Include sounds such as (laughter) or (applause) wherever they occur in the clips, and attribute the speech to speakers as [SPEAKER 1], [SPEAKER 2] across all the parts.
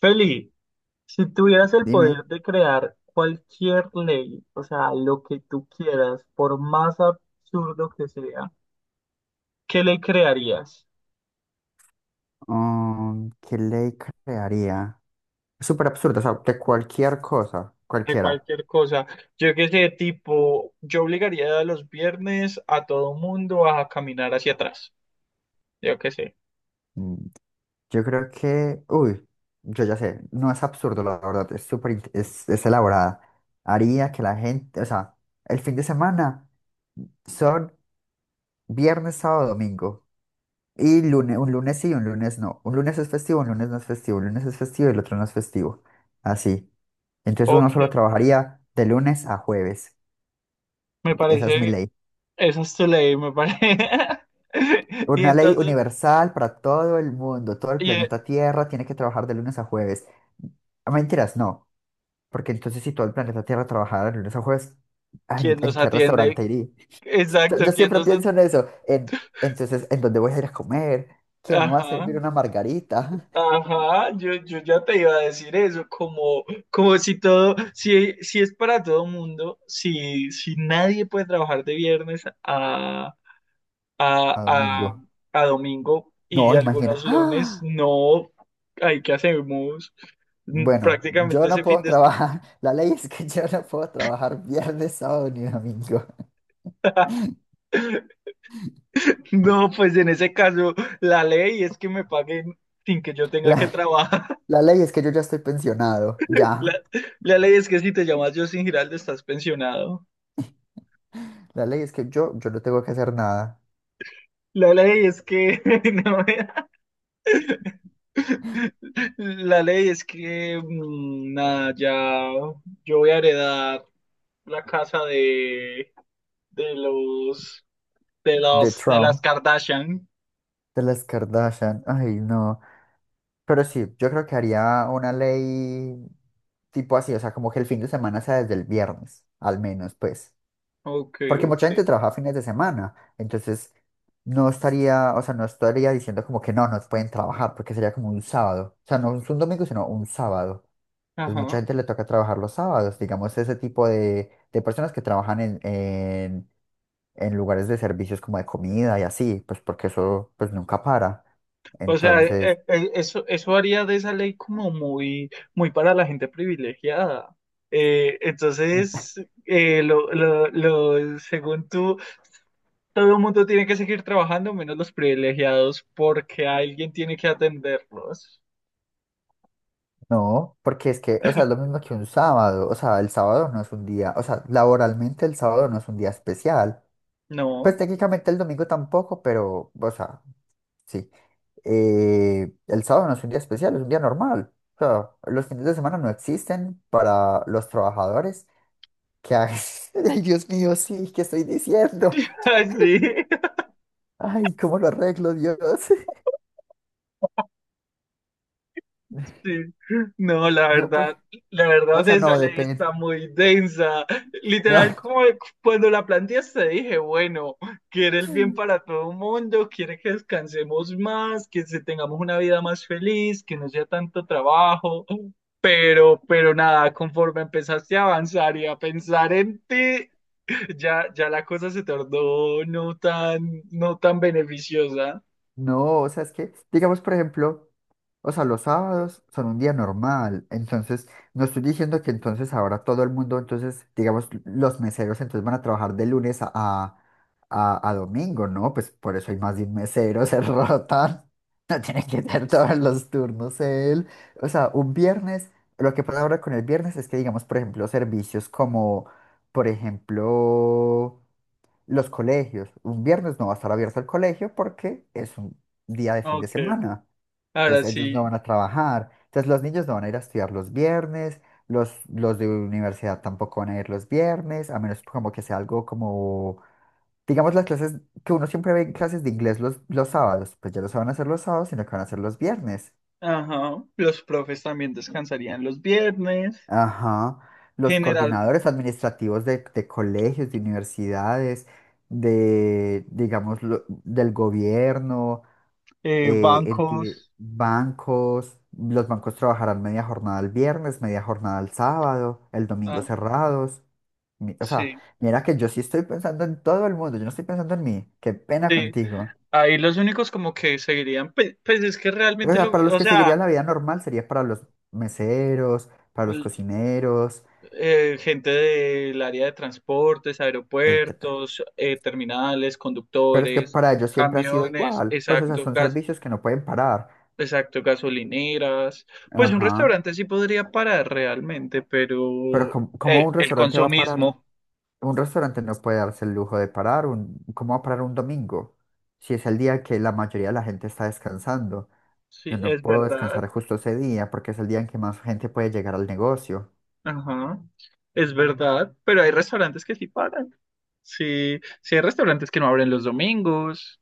[SPEAKER 1] Feli, si tuvieras el poder
[SPEAKER 2] Dime,
[SPEAKER 1] de crear cualquier ley, o sea, lo que tú quieras, por más absurdo que sea, ¿qué ley crearías?
[SPEAKER 2] ¿qué ley crearía? Es súper absurdo, o sea, de cualquier cosa,
[SPEAKER 1] De
[SPEAKER 2] cualquiera.
[SPEAKER 1] cualquier cosa. Yo qué sé, tipo, yo obligaría a los viernes a todo mundo a caminar hacia atrás. Yo qué sé.
[SPEAKER 2] Mm, Yo creo que, uy, yo ya sé, no es absurdo, la verdad, es súper, es elaborada. Haría que la gente, o sea, el fin de semana son viernes, sábado, domingo. Y lunes, un lunes sí, un lunes no. Un lunes es festivo, un lunes no es festivo, un lunes es festivo y el otro no es festivo. Así. Entonces
[SPEAKER 1] Ok,
[SPEAKER 2] uno solo trabajaría de lunes a jueves.
[SPEAKER 1] me
[SPEAKER 2] Esa es mi
[SPEAKER 1] parece,
[SPEAKER 2] ley.
[SPEAKER 1] esa es tu ley, me parece. (laughs) Y
[SPEAKER 2] Una ley
[SPEAKER 1] entonces,
[SPEAKER 2] universal para todo el mundo, todo el
[SPEAKER 1] y, eh,
[SPEAKER 2] planeta Tierra tiene que trabajar de lunes a jueves. Ah, mentiras, no, porque entonces si todo el planeta Tierra trabajara de lunes a jueves, ah, ¿en,
[SPEAKER 1] ¿quién nos
[SPEAKER 2] en qué restaurante
[SPEAKER 1] atiende?
[SPEAKER 2] iría? Yo,
[SPEAKER 1] Exacto,
[SPEAKER 2] yo
[SPEAKER 1] ¿quién
[SPEAKER 2] siempre
[SPEAKER 1] nos...
[SPEAKER 2] pienso en eso, entonces, ¿en dónde voy a ir a comer? ¿Quién me va a
[SPEAKER 1] Ajá.
[SPEAKER 2] servir una margarita?
[SPEAKER 1] Ajá, yo ya te iba a decir eso, como, como si todo, si es para todo mundo, si nadie puede trabajar de viernes a,
[SPEAKER 2] (laughs)
[SPEAKER 1] a,
[SPEAKER 2] A
[SPEAKER 1] a,
[SPEAKER 2] domingo.
[SPEAKER 1] a domingo y
[SPEAKER 2] No, imagina.
[SPEAKER 1] algunos
[SPEAKER 2] (gasps)
[SPEAKER 1] lunes,
[SPEAKER 2] ¡Ah!
[SPEAKER 1] no, hay que hacemos.
[SPEAKER 2] Bueno, yo
[SPEAKER 1] Prácticamente
[SPEAKER 2] no
[SPEAKER 1] ese fin
[SPEAKER 2] puedo
[SPEAKER 1] de
[SPEAKER 2] trabajar. (laughs) La ley es que yo no puedo trabajar viernes, sábado ni domingo.
[SPEAKER 1] semana. (laughs) No, pues en ese caso, la ley es que me paguen sin que yo
[SPEAKER 2] (laughs)
[SPEAKER 1] tenga que
[SPEAKER 2] La,
[SPEAKER 1] trabajar. (laughs)
[SPEAKER 2] la ley es que yo ya estoy pensionado,
[SPEAKER 1] La,
[SPEAKER 2] ya.
[SPEAKER 1] la ley es que si te llamas Justin Giraldo estás pensionado.
[SPEAKER 2] La ley es que yo no tengo que hacer nada.
[SPEAKER 1] La ley es que (laughs) no. La ley es que, nada, ya yo voy a heredar la casa de, de los,
[SPEAKER 2] De
[SPEAKER 1] de las
[SPEAKER 2] Trump,
[SPEAKER 1] Kardashian.
[SPEAKER 2] de las Kardashian. Ay, no. Pero sí, yo creo que haría una ley tipo así, o sea, como que el fin de semana sea desde el viernes, al menos, pues.
[SPEAKER 1] Ok,
[SPEAKER 2] Porque
[SPEAKER 1] ok.
[SPEAKER 2] mucha gente trabaja fines de semana. Entonces, no estaría, o sea, no estaría diciendo como que no, no pueden trabajar, porque sería como un sábado. O sea, no es un domingo, sino un sábado. Entonces, mucha
[SPEAKER 1] Ajá.
[SPEAKER 2] gente le toca trabajar los sábados, digamos, ese tipo de, personas que trabajan en, en lugares de servicios como de comida y así, pues porque eso pues nunca para.
[SPEAKER 1] O sea,
[SPEAKER 2] Entonces,
[SPEAKER 1] eso haría de esa ley como muy, muy para la gente privilegiada. Entonces, según tú, todo el mundo tiene que seguir trabajando, menos los privilegiados, porque alguien tiene que atenderlos.
[SPEAKER 2] no, porque es que, o sea, es lo mismo que un sábado, o sea, el sábado no es un día, o sea, laboralmente el sábado no es un día especial. Pues
[SPEAKER 1] No,
[SPEAKER 2] técnicamente el domingo tampoco, pero, o sea, sí. El sábado no es un día especial, es un día normal. O sea, los fines de semana no existen para los trabajadores que hagan... (laughs) Ay, Dios mío, sí, ¿qué estoy diciendo?
[SPEAKER 1] (laughs) sí,
[SPEAKER 2] Ay, ¿cómo lo arreglo, Dios? (laughs)
[SPEAKER 1] sí. No, la
[SPEAKER 2] No,
[SPEAKER 1] verdad,
[SPEAKER 2] pues,
[SPEAKER 1] la
[SPEAKER 2] o
[SPEAKER 1] verdad
[SPEAKER 2] sea,
[SPEAKER 1] esa
[SPEAKER 2] no,
[SPEAKER 1] ley
[SPEAKER 2] depende.
[SPEAKER 1] está muy densa.
[SPEAKER 2] No,
[SPEAKER 1] Literal,
[SPEAKER 2] (laughs)
[SPEAKER 1] como cuando la planteaste, dije, bueno, quiere el bien para todo el mundo, quiere que descansemos más, que se- tengamos una vida más feliz, que no sea tanto trabajo. Pero, nada, conforme empezaste a avanzar y a pensar en ti, ya la cosa se tornó no tan, no tan beneficiosa.
[SPEAKER 2] no, o sea, es que, digamos, por ejemplo, o sea, los sábados son un día normal. Entonces, no estoy diciendo que entonces ahora todo el mundo, entonces, digamos, los meseros entonces van a trabajar de lunes a, a domingo, ¿no? Pues por eso hay más de un mesero, se (laughs) rotan. No tiene que tener todos los turnos él. O sea, un viernes, lo que pasa ahora con el viernes es que, digamos, por ejemplo, servicios como, por ejemplo, los colegios. Un viernes no va a estar abierto el colegio porque es un día de fin de
[SPEAKER 1] Ok.
[SPEAKER 2] semana.
[SPEAKER 1] Ahora
[SPEAKER 2] Entonces ellos no
[SPEAKER 1] sí.
[SPEAKER 2] van a trabajar. Entonces los niños no van a ir a estudiar los viernes. Los de universidad tampoco van a ir los viernes, a menos como que sea algo como, digamos, las clases que uno siempre ve en clases de inglés los, sábados, pues ya no se van a hacer los sábados, sino que van a hacer los viernes.
[SPEAKER 1] Ajá, los profes también descansarían los viernes,
[SPEAKER 2] Ajá. Los
[SPEAKER 1] general,
[SPEAKER 2] coordinadores administrativos de colegios, de universidades, de, digamos, lo- del gobierno, enti-
[SPEAKER 1] bancos,
[SPEAKER 2] bancos, los bancos trabajarán media jornada el viernes, media jornada el sábado, el domingo
[SPEAKER 1] ah,
[SPEAKER 2] cerrados. O sea,
[SPEAKER 1] sí,
[SPEAKER 2] mira que yo sí estoy pensando en todo el mundo, yo no estoy pensando en mí, qué pena
[SPEAKER 1] sí.
[SPEAKER 2] contigo.
[SPEAKER 1] Ahí los únicos como que seguirían, pues, es que
[SPEAKER 2] O
[SPEAKER 1] realmente,
[SPEAKER 2] sea, para los
[SPEAKER 1] o
[SPEAKER 2] que seguiría
[SPEAKER 1] sea,
[SPEAKER 2] la vida normal sería para los meseros, para los
[SPEAKER 1] l-
[SPEAKER 2] cocineros,
[SPEAKER 1] gente del área de transportes,
[SPEAKER 2] el tra-
[SPEAKER 1] aeropuertos, terminales,
[SPEAKER 2] pero es que
[SPEAKER 1] conductores,
[SPEAKER 2] para ellos siempre ha sido
[SPEAKER 1] camiones,
[SPEAKER 2] igual, pues o sea,
[SPEAKER 1] exacto,
[SPEAKER 2] son servicios que no pueden parar.
[SPEAKER 1] exacto, gasolineras, pues un
[SPEAKER 2] Ajá,
[SPEAKER 1] restaurante sí podría parar realmente,
[SPEAKER 2] pero
[SPEAKER 1] pero
[SPEAKER 2] ¿cómo, cómo un
[SPEAKER 1] el
[SPEAKER 2] restaurante va a parar?
[SPEAKER 1] consumismo,
[SPEAKER 2] Un restaurante no puede darse el lujo de parar un, ¿cómo va a parar un domingo? Si es el día que la mayoría de la gente está descansando. Yo
[SPEAKER 1] sí,
[SPEAKER 2] no
[SPEAKER 1] es
[SPEAKER 2] puedo
[SPEAKER 1] verdad.
[SPEAKER 2] descansar justo ese día porque es el día en que más gente puede llegar al negocio.
[SPEAKER 1] Ajá, es verdad, pero hay restaurantes que sí pagan. Sí, sí hay restaurantes que no abren los domingos.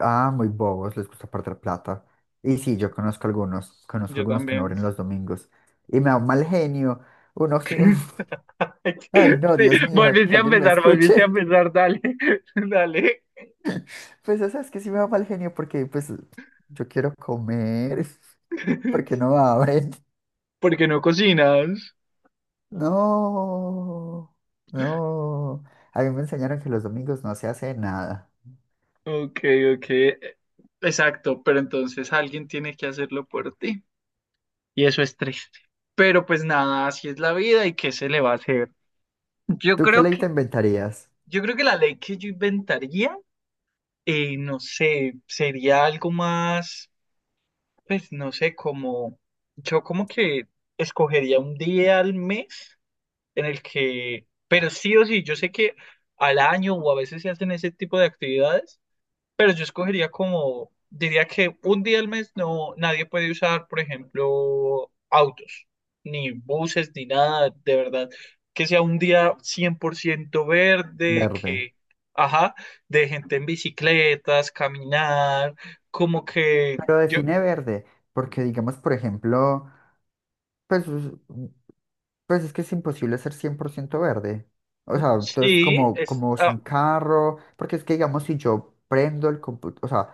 [SPEAKER 2] Ah, muy bobos, les gusta perder plata. Y sí, yo conozco
[SPEAKER 1] Yo
[SPEAKER 2] algunos que no
[SPEAKER 1] también.
[SPEAKER 2] abren los domingos. Y me da un mal genio. Uno, sí,
[SPEAKER 1] (laughs) Ay,
[SPEAKER 2] (laughs) ay no,
[SPEAKER 1] sí,
[SPEAKER 2] Dios mío, que alguien me
[SPEAKER 1] volviste a
[SPEAKER 2] escuche. (laughs)
[SPEAKER 1] empezar, dale, (laughs) dale.
[SPEAKER 2] Pues o sea, es que sí me da mal genio porque pues yo quiero comer, (laughs) ¿por qué
[SPEAKER 1] (laughs)
[SPEAKER 2] no abren.
[SPEAKER 1] ¿Por qué no cocinas?
[SPEAKER 2] No, no. A mí me enseñaron que los domingos no se hace nada.
[SPEAKER 1] Ok, ok. Exacto, pero entonces alguien tiene que hacerlo por ti. Y eso es triste. Pero pues nada, así es la vida y qué se le va a hacer. Yo
[SPEAKER 2] ¿Tú qué
[SPEAKER 1] creo
[SPEAKER 2] ley te
[SPEAKER 1] que,
[SPEAKER 2] inventarías?
[SPEAKER 1] yo creo que la ley que yo inventaría. No sé, sería algo más, pues no sé, como yo como que escogería un día al mes en el que, pero sí o sí, yo sé que al año o a veces se hacen ese tipo de actividades, pero yo escogería como, diría que un día al mes no, nadie puede usar, por ejemplo, autos, ni buses, ni nada, de verdad. Que sea un día 100% verde,
[SPEAKER 2] Verde.
[SPEAKER 1] que, ajá, de gente en bicicletas, caminar, como que
[SPEAKER 2] Pero
[SPEAKER 1] yo,
[SPEAKER 2] define verde, porque digamos, por ejemplo, pues, pues es que es imposible ser 100% verde. O sea, entonces
[SPEAKER 1] sí,
[SPEAKER 2] como,
[SPEAKER 1] es,
[SPEAKER 2] como
[SPEAKER 1] ah,
[SPEAKER 2] sin carro, porque es que digamos, si yo prendo el computador, o sea,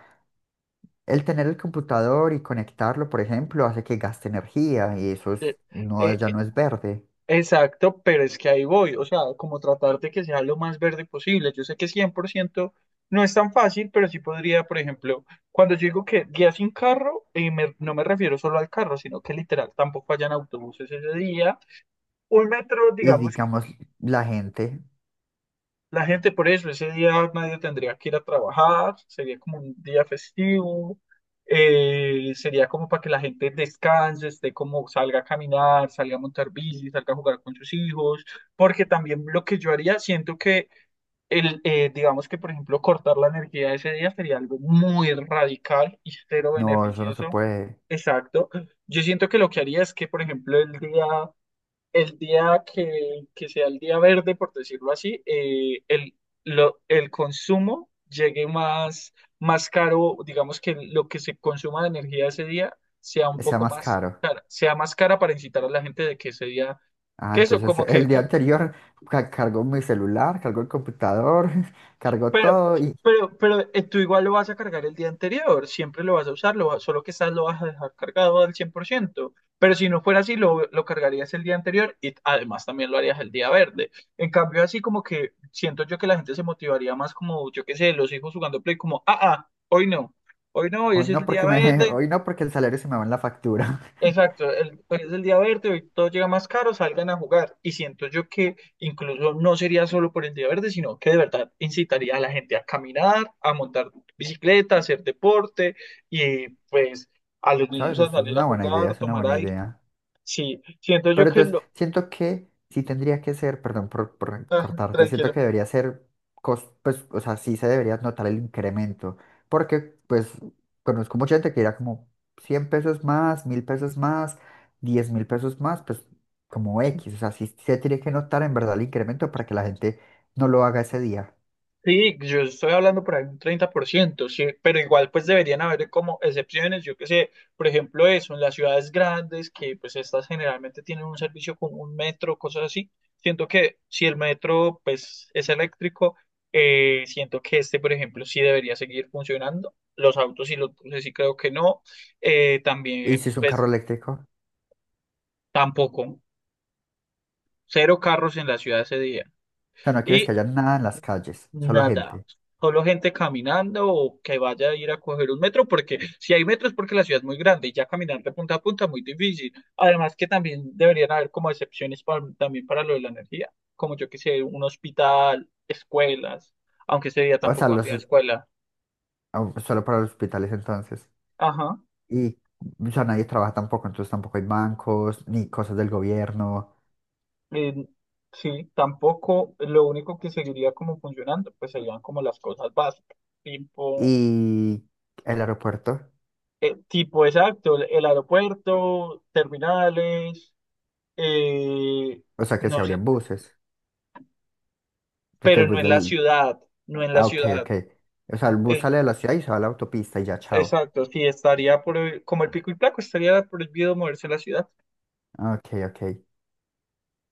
[SPEAKER 2] el tener el computador y conectarlo, por ejemplo, hace que gaste energía y eso
[SPEAKER 1] eh,
[SPEAKER 2] es- no, ya
[SPEAKER 1] eh,
[SPEAKER 2] no es verde.
[SPEAKER 1] exacto, pero es que ahí voy, o sea, como tratar de que sea lo más verde posible. Yo sé que 100% no es tan fácil, pero sí podría, por ejemplo, cuando yo digo que día sin carro, me- no me refiero solo al carro, sino que literal tampoco hayan autobuses ese día. Un metro,
[SPEAKER 2] Y
[SPEAKER 1] digamos
[SPEAKER 2] digamos, la gente,
[SPEAKER 1] la gente por eso, ese día nadie tendría que ir a trabajar, sería como un día festivo, sería como para que la gente descanse, esté como salga a caminar, salga a montar bici, salga a jugar con sus hijos, porque también lo que yo haría, siento que el, digamos que por ejemplo cortar la energía ese día sería algo muy radical y cero
[SPEAKER 2] no, eso no se
[SPEAKER 1] beneficioso.
[SPEAKER 2] puede.
[SPEAKER 1] Exacto. Yo siento que lo que haría es que, por ejemplo, el día que sea el día verde, por decirlo así, el consumo llegue más, más caro, digamos que lo que se consuma de energía ese día sea un
[SPEAKER 2] Sea
[SPEAKER 1] poco
[SPEAKER 2] más
[SPEAKER 1] más
[SPEAKER 2] caro.
[SPEAKER 1] cara, sea más cara para incitar a la gente de que ese día,
[SPEAKER 2] Ah,
[SPEAKER 1] que eso,
[SPEAKER 2] entonces
[SPEAKER 1] como
[SPEAKER 2] el
[SPEAKER 1] que
[SPEAKER 2] día anterior cargó mi celular, cargó el computador, (laughs) cargó
[SPEAKER 1] Pero,
[SPEAKER 2] todo y
[SPEAKER 1] pero, tú igual lo vas a cargar el día anterior, siempre lo vas a usar, lo va- solo que estás lo vas a dejar cargado al 100%. Pero si no fuera así, lo cargarías el día anterior y además también lo harías el día verde. En cambio, así como que siento yo que la gente se motivaría más como, yo qué sé, los hijos jugando play como, ah, ah, hoy no, hoy no, hoy
[SPEAKER 2] hoy
[SPEAKER 1] ese es
[SPEAKER 2] no
[SPEAKER 1] el día
[SPEAKER 2] porque me, (laughs)
[SPEAKER 1] verde,
[SPEAKER 2] hoy no porque el salario se me va en la factura.
[SPEAKER 1] exacto, el, pues es el día verde, hoy todo llega más caro, salgan a jugar. Y siento yo que incluso no sería solo por el día verde, sino que de verdad incitaría a la gente a caminar, a montar bicicleta, a hacer deporte y pues a los
[SPEAKER 2] (laughs)
[SPEAKER 1] niños
[SPEAKER 2] ¿Sabes?
[SPEAKER 1] a
[SPEAKER 2] Eso es
[SPEAKER 1] salir a
[SPEAKER 2] una buena idea,
[SPEAKER 1] jugar,
[SPEAKER 2] es una
[SPEAKER 1] tomar
[SPEAKER 2] buena
[SPEAKER 1] aire.
[SPEAKER 2] idea.
[SPEAKER 1] Sí, siento yo
[SPEAKER 2] Pero
[SPEAKER 1] que
[SPEAKER 2] entonces,
[SPEAKER 1] lo...
[SPEAKER 2] siento que sí tendría que ser, perdón por,
[SPEAKER 1] ah,
[SPEAKER 2] cortarte, siento que
[SPEAKER 1] tranquilo.
[SPEAKER 2] debería ser, pues, o sea, sí se debería notar el incremento, porque pues conozco mucha gente que dirá como 100 pesos más, 1.000 pesos más, 10.000 pesos más, pues como X, o sea, sí se tiene que notar en verdad el incremento para que la gente no lo haga ese día.
[SPEAKER 1] Sí, yo estoy hablando por ahí un 30%. Sí, pero igual pues deberían haber como excepciones, yo qué sé, por ejemplo eso, en las ciudades grandes que pues estas generalmente tienen un servicio con un metro, cosas así, siento que si el metro pues es eléctrico, siento que este por ejemplo sí debería seguir funcionando, los autos y los buses sí creo que no,
[SPEAKER 2] Y si
[SPEAKER 1] también
[SPEAKER 2] es un
[SPEAKER 1] pues
[SPEAKER 2] carro eléctrico, o
[SPEAKER 1] tampoco, cero carros en la ciudad ese día.
[SPEAKER 2] sea, no quieres que
[SPEAKER 1] Y
[SPEAKER 2] haya nada en las calles, solo
[SPEAKER 1] nada,
[SPEAKER 2] gente,
[SPEAKER 1] solo gente caminando o que vaya a ir a coger un metro, porque si hay metros porque la ciudad es muy grande y ya caminar de punta a punta es muy difícil. Además que también deberían haber como excepciones pa- también para lo de la energía, como yo que sé, un hospital, escuelas, aunque ese día
[SPEAKER 2] o sea,
[SPEAKER 1] tampoco
[SPEAKER 2] los,
[SPEAKER 1] habría escuela.
[SPEAKER 2] o- solo para los hospitales entonces.
[SPEAKER 1] Ajá,
[SPEAKER 2] Y ya nadie trabaja tampoco, entonces tampoco hay bancos ni cosas del gobierno
[SPEAKER 1] eh, sí, tampoco, lo único que seguiría como funcionando, pues serían como las cosas básicas, tipo,
[SPEAKER 2] y el aeropuerto,
[SPEAKER 1] tipo exacto, el aeropuerto, terminales. Eh,
[SPEAKER 2] o sea que se
[SPEAKER 1] no sé,
[SPEAKER 2] abrían buses, porque
[SPEAKER 1] pero
[SPEAKER 2] el
[SPEAKER 1] no
[SPEAKER 2] bus
[SPEAKER 1] en la
[SPEAKER 2] del...
[SPEAKER 1] ciudad, no en la
[SPEAKER 2] Ah, ok, ok.
[SPEAKER 1] ciudad.
[SPEAKER 2] O sea, el bus
[SPEAKER 1] Eh,
[SPEAKER 2] sale de la ciudad y se va a la autopista y ya, chao.
[SPEAKER 1] exacto, sí, estaría por, como el pico y placo, estaría prohibido moverse en la ciudad.
[SPEAKER 2] Ok, ok.